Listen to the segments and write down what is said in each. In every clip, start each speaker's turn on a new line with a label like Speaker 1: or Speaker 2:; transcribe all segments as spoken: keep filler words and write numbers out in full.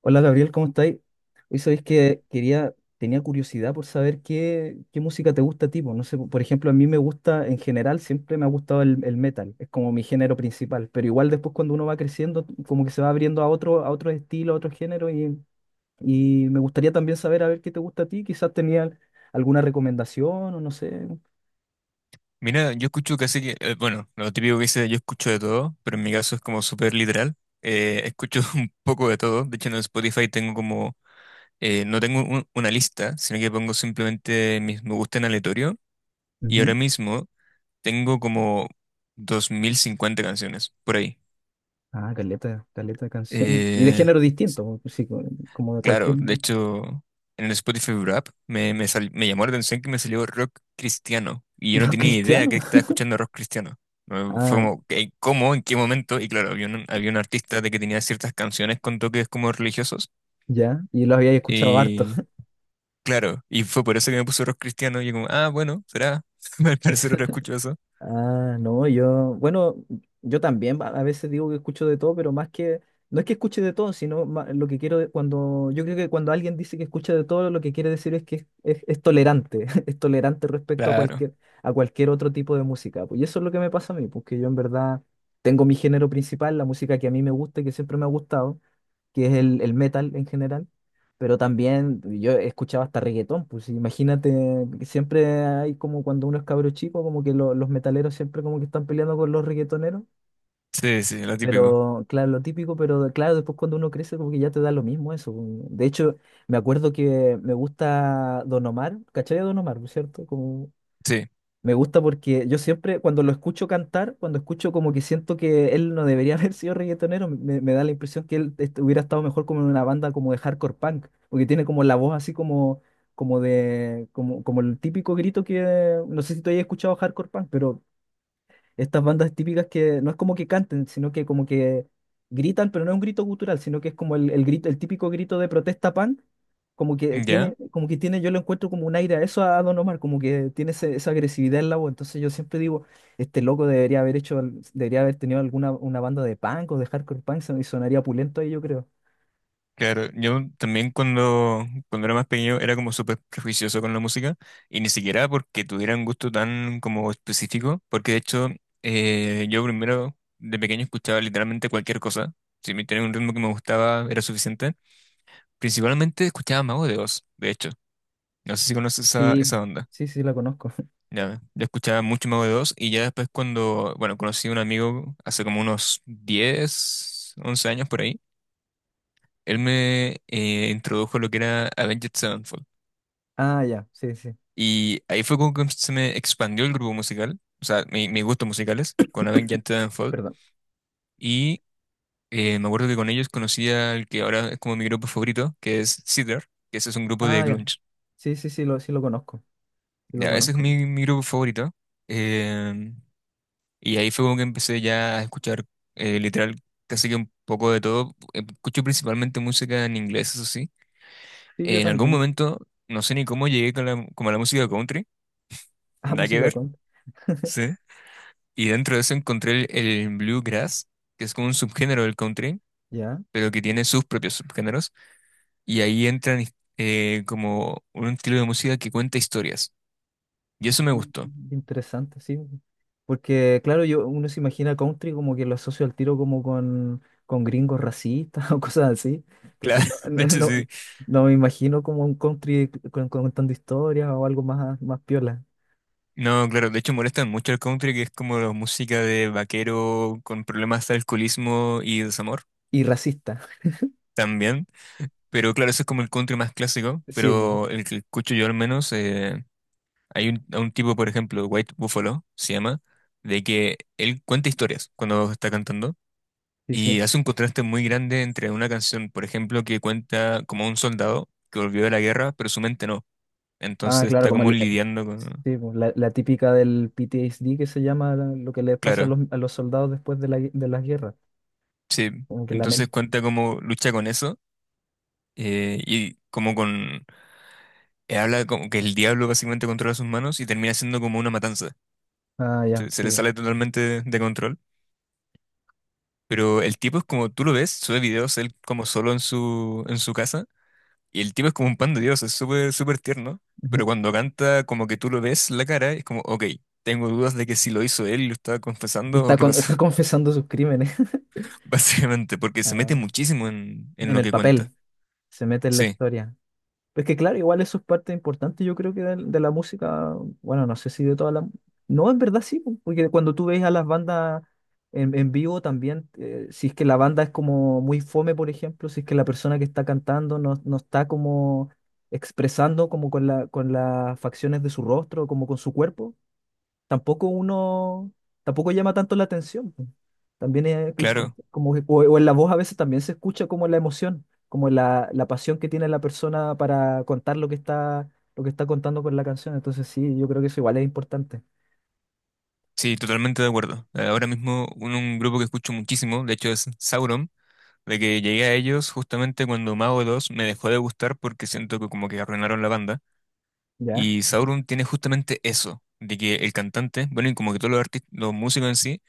Speaker 1: Hola Gabriel, ¿cómo estáis? Hoy sabéis que quería, tenía curiosidad por saber qué, qué música te gusta a ti. Po, no sé, por ejemplo, a mí me gusta, en general, siempre me ha gustado el, el metal, es como mi género principal, pero igual después cuando uno va creciendo, como que se va abriendo a otro, a otro estilo, a otro género, y, y me gustaría también saber a ver qué te gusta a ti. Quizás tenía alguna recomendación o no sé.
Speaker 2: Mira, yo escucho casi que, eh, bueno, lo típico que dice, yo escucho de todo, pero en mi caso es como súper literal. Eh, escucho un poco de todo. De hecho, en Spotify tengo como, eh, no tengo un- una lista, sino que pongo simplemente mis me gusta en aleatorio. Y ahora
Speaker 1: Ujú.
Speaker 2: mismo tengo como dos mil cincuenta canciones por ahí.
Speaker 1: Ah, caleta, caleta de canciones. Y de
Speaker 2: Eh,
Speaker 1: género distinto, sí, co- como de cualquier
Speaker 2: Claro, de hecho, en el Spotify Wrap me, me, sal- me llamó la atención que me salió rock cristiano y yo no
Speaker 1: rock
Speaker 2: tenía idea
Speaker 1: cristiano.
Speaker 2: que estaba escuchando rock cristiano. Eh, Fue
Speaker 1: Ah,
Speaker 2: como, ¿qué- ¿cómo? ¿En qué momento? Y claro, había un, había un artista de que tenía ciertas canciones con toques como religiosos
Speaker 1: ya, y lo había escuchado harto.
Speaker 2: y claro, y fue por eso que me puso rock cristiano y yo como, ah, bueno, será, al parecer ahora escucho eso.
Speaker 1: Ah, no, yo, bueno, yo también a a veces digo que escucho de todo, pero más que, no es que escuche de todo, sino ma- lo que quiero, de- cuando, yo creo que cuando alguien dice que escucha de todo, lo que quiere decir es que es, es- es tolerante, es tolerante respecto a
Speaker 2: Claro,
Speaker 1: cualquier, a cualquier otro tipo de música, pues, y eso es lo que me pasa a mí, porque yo en verdad tengo mi género principal, la música que a mí me gusta y que siempre me ha gustado, que es el, el metal en general, pero también yo escuchaba hasta reggaetón, pues imagínate, siempre hay como cuando uno es cabro chico, como que lo- los metaleros siempre como que están peleando con los reggaetoneros,
Speaker 2: sí, sí, lo típico,
Speaker 1: pero claro, lo típico, pero claro, después cuando uno crece como que ya te da lo mismo eso, pues. De hecho, me acuerdo que me gusta Don Omar, ¿cachai a Don Omar, por cierto? Como
Speaker 2: sí,
Speaker 1: me gusta porque yo siempre, cuando lo escucho cantar, cuando escucho, como que siento que él no debería haber sido reggaetonero, me, me da la impresión que él est- hubiera estado mejor como en una banda como de hardcore punk, porque tiene como la voz así como, como de, como, como el típico grito que, no sé si tú hayas escuchado hardcore punk, pero estas bandas típicas que no es como que canten, sino que como que gritan, pero no es un grito gutural, sino que es como el, el grito, el típico grito de protesta punk, como que
Speaker 2: ¿ya?
Speaker 1: tiene, como que tiene, yo lo encuentro como un aire a eso a Don Omar, como que tiene ese- esa agresividad en la voz. Entonces yo siempre digo, este loco debería haber hecho, al- debería haber tenido alguna una banda de punk o de hardcore punk son- y sonaría pulento ahí, yo creo.
Speaker 2: Claro, yo también cuando, cuando era más pequeño era como súper prejuicioso con la música y ni siquiera porque tuviera un gusto tan como específico, porque de hecho eh, yo primero de pequeño escuchaba literalmente cualquier cosa, si me tenía un ritmo que me gustaba era suficiente, principalmente escuchaba Mago de Oz, de hecho, no sé si conoces esa,
Speaker 1: Sí,
Speaker 2: esa onda,
Speaker 1: sí, sí, la conozco.
Speaker 2: ya, yo escuchaba mucho Mago de Oz y ya después cuando, bueno, conocí a un amigo hace como unos diez, once años por ahí, él me eh, introdujo lo que era Avenged Sevenfold.
Speaker 1: Ah, ya, sí, sí,
Speaker 2: Y ahí fue como que se me expandió el grupo musical, o sea, mi- mis gustos musicales, con Avenged Sevenfold.
Speaker 1: perdón.
Speaker 2: Y eh, me acuerdo que con ellos conocí al que ahora es como mi grupo favorito, que es Seether, que ese es un grupo de
Speaker 1: Ah, ya.
Speaker 2: grunge.
Speaker 1: Sí, sí, sí, lo, sí lo conozco. Sí lo
Speaker 2: Ya, ese es
Speaker 1: conozco.
Speaker 2: mi, mi grupo favorito. Em, y ahí fue como que empecé ya a escuchar eh, literal casi que un poco de todo. Escucho principalmente música en inglés, eso sí.
Speaker 1: Sí, yo
Speaker 2: En algún
Speaker 1: también.
Speaker 2: momento, no sé ni cómo llegué con la, como a la música country,
Speaker 1: Ah,
Speaker 2: nada que
Speaker 1: música
Speaker 2: ver.
Speaker 1: con.
Speaker 2: Sí. Y dentro de eso encontré el, el bluegrass, que es como un subgénero del country,
Speaker 1: Ya.
Speaker 2: pero que tiene sus propios subgéneros. Y ahí entran eh, como un estilo de música que cuenta historias. Y eso
Speaker 1: Ah,
Speaker 2: me gustó.
Speaker 1: interesante, sí. Porque, claro, yo, uno se imagina country como que lo asocio al tiro como con, con gringos racistas o cosas así. Entonces,
Speaker 2: Claro,
Speaker 1: no,
Speaker 2: de
Speaker 1: no,
Speaker 2: hecho
Speaker 1: no-
Speaker 2: sí.
Speaker 1: no me imagino como un country con- con- contando historias o algo más, más piola.
Speaker 2: No, claro, de hecho molestan mucho el country, que es como la música de vaquero con problemas de alcoholismo y desamor
Speaker 1: Y racista.
Speaker 2: también. Pero claro, eso es como el country más clásico,
Speaker 1: Sí, po,
Speaker 2: pero el que escucho yo al menos, eh, Hay un, a un tipo, por ejemplo, White Buffalo, se llama, de que él cuenta historias cuando está cantando
Speaker 1: sí,
Speaker 2: y
Speaker 1: sí.
Speaker 2: hace un contraste muy grande entre una canción, por ejemplo, que cuenta como un soldado que volvió de la guerra, pero su mente no.
Speaker 1: Ah,
Speaker 2: Entonces
Speaker 1: claro,
Speaker 2: está
Speaker 1: como
Speaker 2: como
Speaker 1: el- eh,
Speaker 2: lidiando con.
Speaker 1: sí, po, la, la típica del P T S D, que se llama la- lo que les pasa a
Speaker 2: Claro,
Speaker 1: los, a los soldados después de la, gue- de las guerras.
Speaker 2: sí.
Speaker 1: Como que la
Speaker 2: Entonces
Speaker 1: mente.
Speaker 2: cuenta como lucha con eso, eh, y como con. eh, Habla como que el diablo básicamente controla sus manos y termina siendo como una matanza.
Speaker 1: Ah, ya,
Speaker 2: Se, se
Speaker 1: sí,
Speaker 2: le
Speaker 1: po.
Speaker 2: sale totalmente de de control. Pero el tipo es como, tú lo ves, sube videos él como solo en su, en su, casa, y el tipo es como un pan de Dios, es súper, súper tierno, pero cuando canta como que tú lo ves la cara, es como, ok, tengo dudas de que si lo hizo él y lo estaba
Speaker 1: Y
Speaker 2: confesando o
Speaker 1: está,
Speaker 2: qué
Speaker 1: con-
Speaker 2: pasó,
Speaker 1: está confesando sus crímenes.
Speaker 2: básicamente, porque se mete
Speaker 1: Ah,
Speaker 2: muchísimo en, en
Speaker 1: en
Speaker 2: lo
Speaker 1: el
Speaker 2: que cuenta.
Speaker 1: papel, se mete en la
Speaker 2: Sí,
Speaker 1: historia. Es que claro, igual eso es parte importante, yo creo que del- de, la música, bueno, no sé si de toda la... No, en verdad sí, po, porque cuando tú ves a las bandas en, en vivo también, eh, si es que la banda es como muy fome, por ejemplo, si es que la persona que está cantando no, no está como expresando como con la, con las facciones de su rostro, como con su cuerpo, tampoco uno, tampoco llama tanto la atención, po. También es import-
Speaker 2: claro,
Speaker 1: como que- o, o en la voz a veces también se escucha como la emoción, como la, la pasión que tiene la persona para contar lo que está, lo que está contando con la canción. Entonces sí, yo creo que eso igual es importante,
Speaker 2: sí, totalmente de acuerdo. Ahora mismo un, un grupo que escucho muchísimo, de hecho es Sauron, de que llegué a ellos justamente cuando Mago dos me dejó de gustar porque siento que como que arruinaron la banda.
Speaker 1: ¿ya?
Speaker 2: Y Sauron tiene justamente eso, de que el cantante, bueno, y como que todos los artistas, los músicos en sí,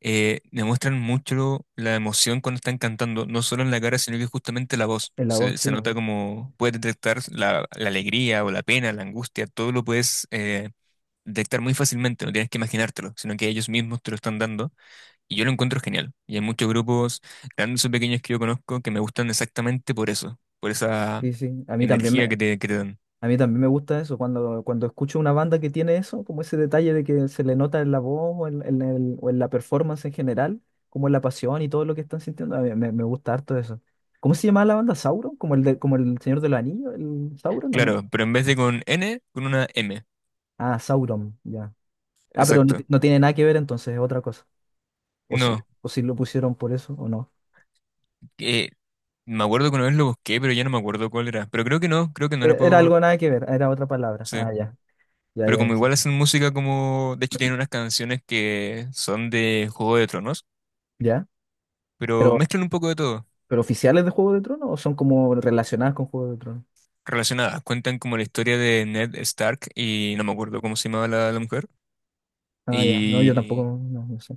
Speaker 2: eh, demuestran mucho la emoción cuando están cantando, no solo en la cara, sino que justamente la voz.
Speaker 1: En la voz,
Speaker 2: Se,
Speaker 1: sí,
Speaker 2: se nota
Speaker 1: bueno.
Speaker 2: como puedes detectar la, la alegría o la pena, la angustia, todo lo puedes eh, detectar muy fácilmente, no tienes que imaginártelo, sino que ellos mismos te lo están dando. Y yo lo encuentro genial. Y hay muchos grupos, grandes o pequeños, que yo conozco que me gustan exactamente por eso, por esa
Speaker 1: Sí, sí. A mí
Speaker 2: energía que
Speaker 1: también.
Speaker 2: te, que te dan.
Speaker 1: A mí también me gusta eso, cuando, cuando escucho una banda que tiene eso, como ese detalle de que se le nota en la voz o en, en el- o en la performance en general, como en la pasión y todo lo que están sintiendo, a mí me, me gusta harto eso. ¿Cómo se llamaba la banda? ¿Sauron? ¿Como el, de- como el Señor de los Anillos? ¿El Sauron o no?
Speaker 2: Claro, pero en vez de con N, con una M.
Speaker 1: Ah, Sauron, ya. Ah, pero no, ti-
Speaker 2: Exacto.
Speaker 1: no tiene nada que ver entonces, es otra cosa. O si,
Speaker 2: No,
Speaker 1: o si lo pusieron por eso o no.
Speaker 2: eh, me acuerdo que una vez lo busqué, pero ya no me acuerdo cuál era. Pero creo que no, creo que no era
Speaker 1: E- Era algo
Speaker 2: por.
Speaker 1: nada que ver, era otra palabra.
Speaker 2: Sí.
Speaker 1: Ah, ya, ya,
Speaker 2: Pero
Speaker 1: ya,
Speaker 2: como
Speaker 1: sí.
Speaker 2: igual hacen música como. De hecho tienen unas canciones que son de Juego de Tronos,
Speaker 1: ¿Ya?
Speaker 2: pero
Speaker 1: Pero,
Speaker 2: mezclan un poco de todo.
Speaker 1: ¿pero oficiales de Juego de Tronos o son como relacionadas con Juego de Tronos?
Speaker 2: Relacionadas, cuentan como la historia de Ned Stark y no me acuerdo cómo se llamaba la, la mujer.
Speaker 1: Ah, ya. No, yo tampoco,
Speaker 2: Y.
Speaker 1: no, no sé.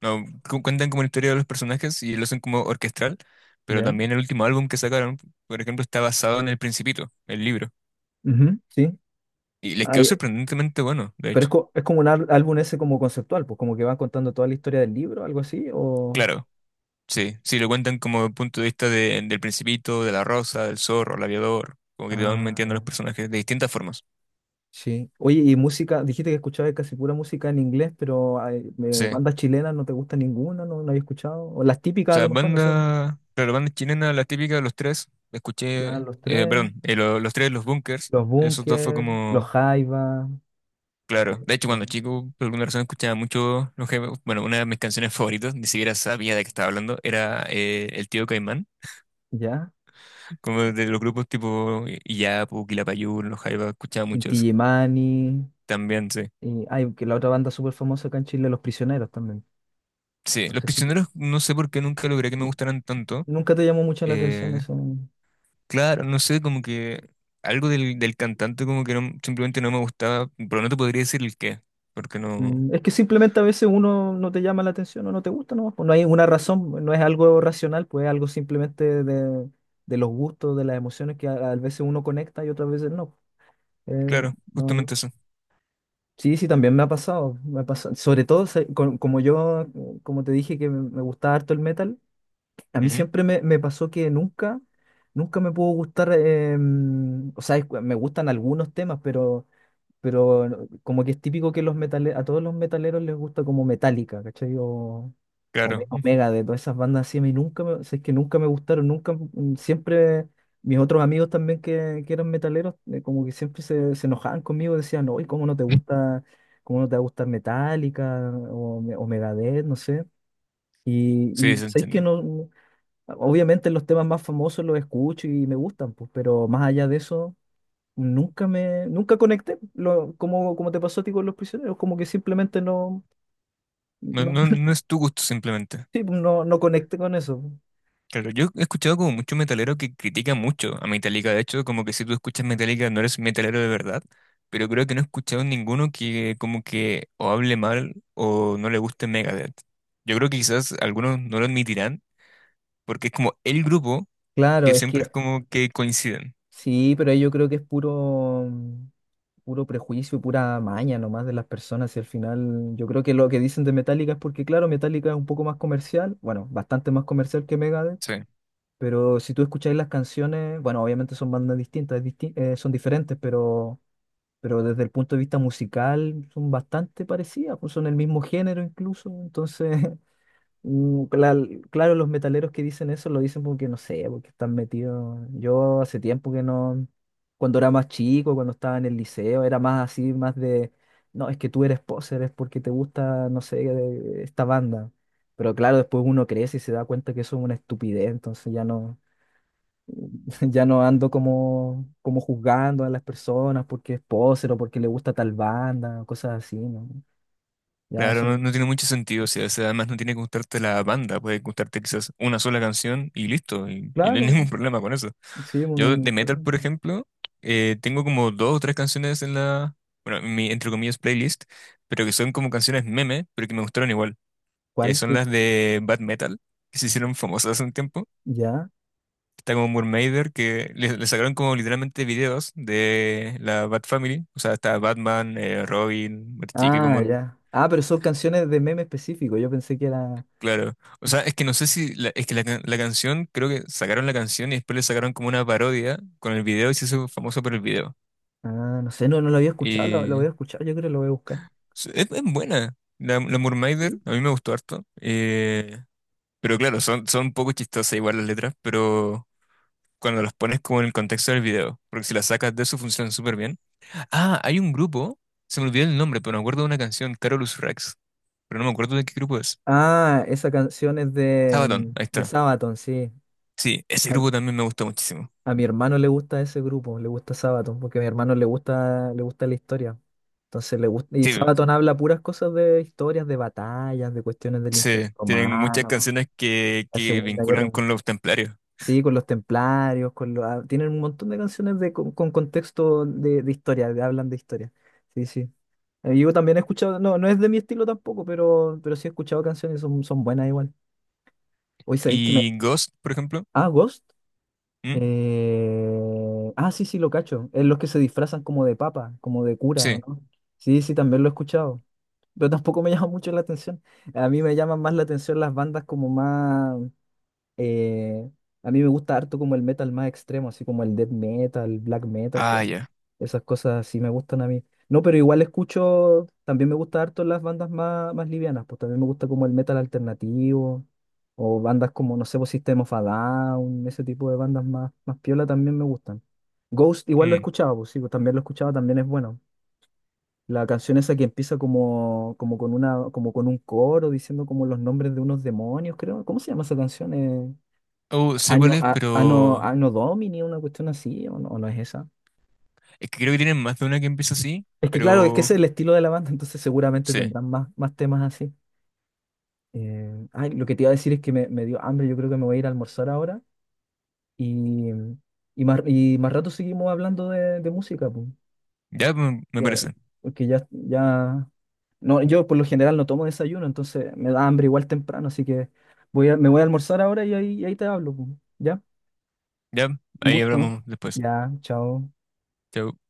Speaker 2: No, cu- cuentan como la historia de los personajes y lo hacen como orquestral, pero
Speaker 1: ¿Ya?
Speaker 2: también el último álbum que sacaron, por ejemplo, está basado en El Principito, el libro.
Speaker 1: Ujú, sí.
Speaker 2: Y les quedó
Speaker 1: Ay,
Speaker 2: sorprendentemente bueno, de
Speaker 1: pero es,
Speaker 2: hecho.
Speaker 1: co- es como un ál- álbum ese como conceptual, pues como que van contando toda la historia del libro, algo así, o...
Speaker 2: Claro, sí. Si lo cuentan como punto de vista de- del Principito, de la Rosa, del Zorro, el Aviador, como que te van
Speaker 1: Ah,
Speaker 2: metiendo a los
Speaker 1: ya.
Speaker 2: personajes de distintas formas.
Speaker 1: Sí. Oye, y música, dijiste que escuchabas casi pura música en inglés, pero ay, eh,
Speaker 2: Sí. O
Speaker 1: bandas chilenas no te gusta ninguna, no, no había escuchado. O las típicas a
Speaker 2: sea,
Speaker 1: lo mejor, no sé, pues.
Speaker 2: banda, claro, banda chilena, la típica de los tres, la
Speaker 1: Claro,
Speaker 2: escuché,
Speaker 1: los
Speaker 2: eh,
Speaker 1: tres,
Speaker 2: perdón, eh, lo- los tres, los Bunkers,
Speaker 1: los
Speaker 2: esos dos fue
Speaker 1: Bunker, los
Speaker 2: como,
Speaker 1: Jaiba,
Speaker 2: claro. De
Speaker 1: eh,
Speaker 2: hecho, cuando chico, por alguna razón escuchaba mucho los jefes. Bueno, una de mis canciones favoritas, ni siquiera sabía de qué estaba hablando, era eh, El Tío Caimán.
Speaker 1: ¿ya?
Speaker 2: Como de los grupos tipo Illapu, Quilapayún, los Jaivas, escuchaba mucho
Speaker 1: Inti
Speaker 2: eso.
Speaker 1: Illimani,
Speaker 2: También, sí.
Speaker 1: y hay que la otra banda súper famosa acá en Chile, Los Prisioneros también.
Speaker 2: Sí,
Speaker 1: No
Speaker 2: los
Speaker 1: sé si,
Speaker 2: prisioneros no sé por qué nunca logré que me gustaran tanto.
Speaker 1: nunca te llamó mucho la atención
Speaker 2: Eh,
Speaker 1: eso.
Speaker 2: claro, no sé, como que algo del, del cantante como que no- simplemente no me gustaba, pero no te podría decir el qué, porque no.
Speaker 1: Mm, es que simplemente a veces uno no te llama la atención o no te gusta, ¿no? Pues no hay una razón, no es algo racional, pues es algo simplemente de, de los gustos, de las emociones que a, a veces uno conecta y otras veces no. Eh,
Speaker 2: Claro,
Speaker 1: no.
Speaker 2: justamente eso.
Speaker 1: Sí, sí, también me ha pasado, me ha pasado. Sobre todo, se- con- como yo, como te dije que me, me gustaba harto el metal, a mí
Speaker 2: Ujú,
Speaker 1: siempre me, me pasó que nunca, nunca me pudo gustar, eh, mm, o sea, es- me gustan algunos temas, pero pero no- como que es típico que los metale- a todos los metaleros les gusta como Metallica, ¿cachai? O, o Me-
Speaker 2: claro,
Speaker 1: o
Speaker 2: mm,
Speaker 1: Megadeth, de todas esas bandas así, a mí nunca me, si es que nunca me gustaron, nunca, mm, siempre mis otros amigos también que, que eran metaleros, eh, como que siempre se, se enojaban conmigo, decían, no, ¿y cómo no te gusta, cómo no te va a gustar Metallica o, Me- o Megadeth, no sé? Y,
Speaker 2: sí,
Speaker 1: y
Speaker 2: se
Speaker 1: sabéis que
Speaker 2: entiende.
Speaker 1: no, no- obviamente los temas más famosos los escucho y me gustan, pues, pero más allá de eso nunca me, nunca conecté, lo, como, como te pasó a ti con los prisioneros, como que simplemente no,
Speaker 2: No,
Speaker 1: no,
Speaker 2: no, no es tu gusto simplemente.
Speaker 1: sí, no, no conecté con eso.
Speaker 2: Claro, yo he escuchado como muchos metaleros que critican mucho a Metallica. De hecho, como que si tú escuchas Metallica no eres metalero de verdad. Pero creo que no he escuchado ninguno que como que o hable mal o no le guste Megadeth. Yo creo que quizás algunos no lo admitirán porque es como el grupo que
Speaker 1: Claro, es
Speaker 2: siempre es
Speaker 1: que
Speaker 2: como que coinciden.
Speaker 1: sí, pero ahí yo creo que es puro, puro prejuicio y pura maña nomás de las personas. Y al final, yo creo que lo que dicen de Metallica es porque, claro, Metallica es un poco más comercial, bueno, bastante más comercial que Megadeth,
Speaker 2: Sí.
Speaker 1: pero si tú escucháis las canciones, bueno, obviamente son bandas distintas, es disti- eh, son diferentes, pero pero desde el punto de vista musical son bastante parecidas, pues son el mismo género incluso, entonces, mm, cla- claro, los metaleros que dicen eso lo dicen porque no sé, porque están metidos. Yo hace tiempo que no, cuando era más chico, cuando estaba en el liceo, era más así, más de, no, es que tú eres poser, es porque te gusta, no sé, de- esta banda. Pero claro, después uno crece y se da cuenta que eso es una estupidez, entonces ya no. Ya no ando como, como juzgando a las personas porque es poser o porque le gusta tal banda, cosas así, ¿no? Ya
Speaker 2: Claro,
Speaker 1: eso.
Speaker 2: no, no tiene mucho sentido, o sea, o sea, además no tiene que gustarte la banda, puede gustarte quizás una sola canción y listo, y, y no hay
Speaker 1: Claro,
Speaker 2: ningún problema con eso.
Speaker 1: sí, no hay
Speaker 2: Yo
Speaker 1: ningún
Speaker 2: de metal,
Speaker 1: problema.
Speaker 2: por ejemplo, eh, tengo como dos o tres canciones en la, bueno, en mi, entre comillas, playlist, pero que son como canciones meme, pero que me gustaron igual, que
Speaker 1: ¿Cuál?
Speaker 2: son
Speaker 1: ¿Qué?
Speaker 2: las de Bad Metal, que se hicieron famosas hace un tiempo.
Speaker 1: ¿Ya?
Speaker 2: Está como Murmaider, que le, le sacaron como literalmente videos de la Bad Family, o sea, está Batman, eh, Robin, Bat Chica, como.
Speaker 1: Ah, ya. Ah, pero son canciones de meme específico. Yo pensé que era.
Speaker 2: Claro. O sea, es que no sé si la- es que la, can- la canción, creo que sacaron la canción y después le sacaron como una parodia con el video y se hizo famoso por el video.
Speaker 1: Ah, no sé, no, no lo había escuchado, lo, lo voy a
Speaker 2: Y
Speaker 1: escuchar, yo creo que lo voy a buscar.
Speaker 2: es, es buena. La, la Moonrider,
Speaker 1: ¿Sí?
Speaker 2: a mí me gustó harto. Eh, pero claro, son, son un poco chistosas igual las letras, pero cuando las pones como en el contexto del video, porque si las sacas de eso funcionan súper bien. Ah, hay un grupo, se me olvidó el nombre, pero me acuerdo de una canción, Carolus Rex, pero no me acuerdo de qué grupo es.
Speaker 1: Ah, esa canción es de,
Speaker 2: Sabaton,
Speaker 1: mm,
Speaker 2: ahí
Speaker 1: de
Speaker 2: está.
Speaker 1: Sabaton, sí.
Speaker 2: Sí, ese
Speaker 1: A,
Speaker 2: grupo también me gusta muchísimo.
Speaker 1: a mi hermano le gusta ese grupo, le gusta Sabaton, porque a mi hermano le gusta, le gusta la historia. Entonces le gusta. Y
Speaker 2: Sí,
Speaker 1: Sabaton habla puras cosas de historias, de batallas, de cuestiones del Imperio
Speaker 2: Sí, tienen muchas
Speaker 1: Romano,
Speaker 2: canciones que,
Speaker 1: la
Speaker 2: que
Speaker 1: Segunda Guerra
Speaker 2: vinculan
Speaker 1: Mundial.
Speaker 2: con los templarios.
Speaker 1: Sí, con los templarios, con los... ah, tienen un montón de canciones de, con, con contexto de, de historia, de, hablan de historia. Sí, sí. Eh, yo también he escuchado, no, no es de mi estilo tampoco, pero, pero sí he escuchado canciones y son, son buenas igual. Hoy sabéis que me.
Speaker 2: ¿Y Ghost, por ejemplo?
Speaker 1: Ah, Ghost.
Speaker 2: ¿Mm?
Speaker 1: Eh, Ah, sí, sí, lo cacho. Es los que se disfrazan como de papa, como de cura, ¿o
Speaker 2: Sí.
Speaker 1: ¿no? Sí, sí, también lo he escuchado. Pero tampoco me llama mucho la atención. A mí me llaman más la atención las bandas como más. Eh, a mí me gusta harto como el metal más extremo, así como el death metal, black metal, co-
Speaker 2: Ah, ya.
Speaker 1: esas cosas sí me gustan a mí. No, pero igual escucho, también me gusta harto las bandas más, más livianas, pues también me gusta como el metal alternativo, o bandas como, no sé, pues System of a Down, ese tipo de bandas más, más piola también me gustan. Ghost igual lo
Speaker 2: Mm.
Speaker 1: escuchaba, pues sí, pues también lo escuchaba, también es bueno. La canción esa que empieza como, como con una, como con un coro diciendo como los nombres de unos demonios, creo. ¿Cómo se llama esa canción? Eh,
Speaker 2: Oh, sé cuál
Speaker 1: Año,
Speaker 2: es,
Speaker 1: a- ano,
Speaker 2: pero.
Speaker 1: ano Domini, una cuestión así, o no, o no es esa.
Speaker 2: Es que creo que tienen más de una que empieza así,
Speaker 1: Es que claro, es que
Speaker 2: pero.
Speaker 1: ese es el estilo de la banda, entonces seguramente
Speaker 2: Sí,
Speaker 1: tendrán más, más temas así. Eh, ay, lo que te iba a decir es que me, me dio hambre, yo creo que me voy a ir a almorzar ahora y, y, más, y más rato seguimos hablando de, de música, pues,
Speaker 2: ya me, me
Speaker 1: que-
Speaker 2: parece.
Speaker 1: porque ya, ya, no, yo por lo general no tomo desayuno, entonces me da hambre igual temprano, así que voy a- me voy a almorzar ahora y ahí, y ahí te hablo, pues, ¿ya?
Speaker 2: Ya,
Speaker 1: Un
Speaker 2: ahí
Speaker 1: gusto,
Speaker 2: hablamos después.
Speaker 1: ya, chao.
Speaker 2: Chao.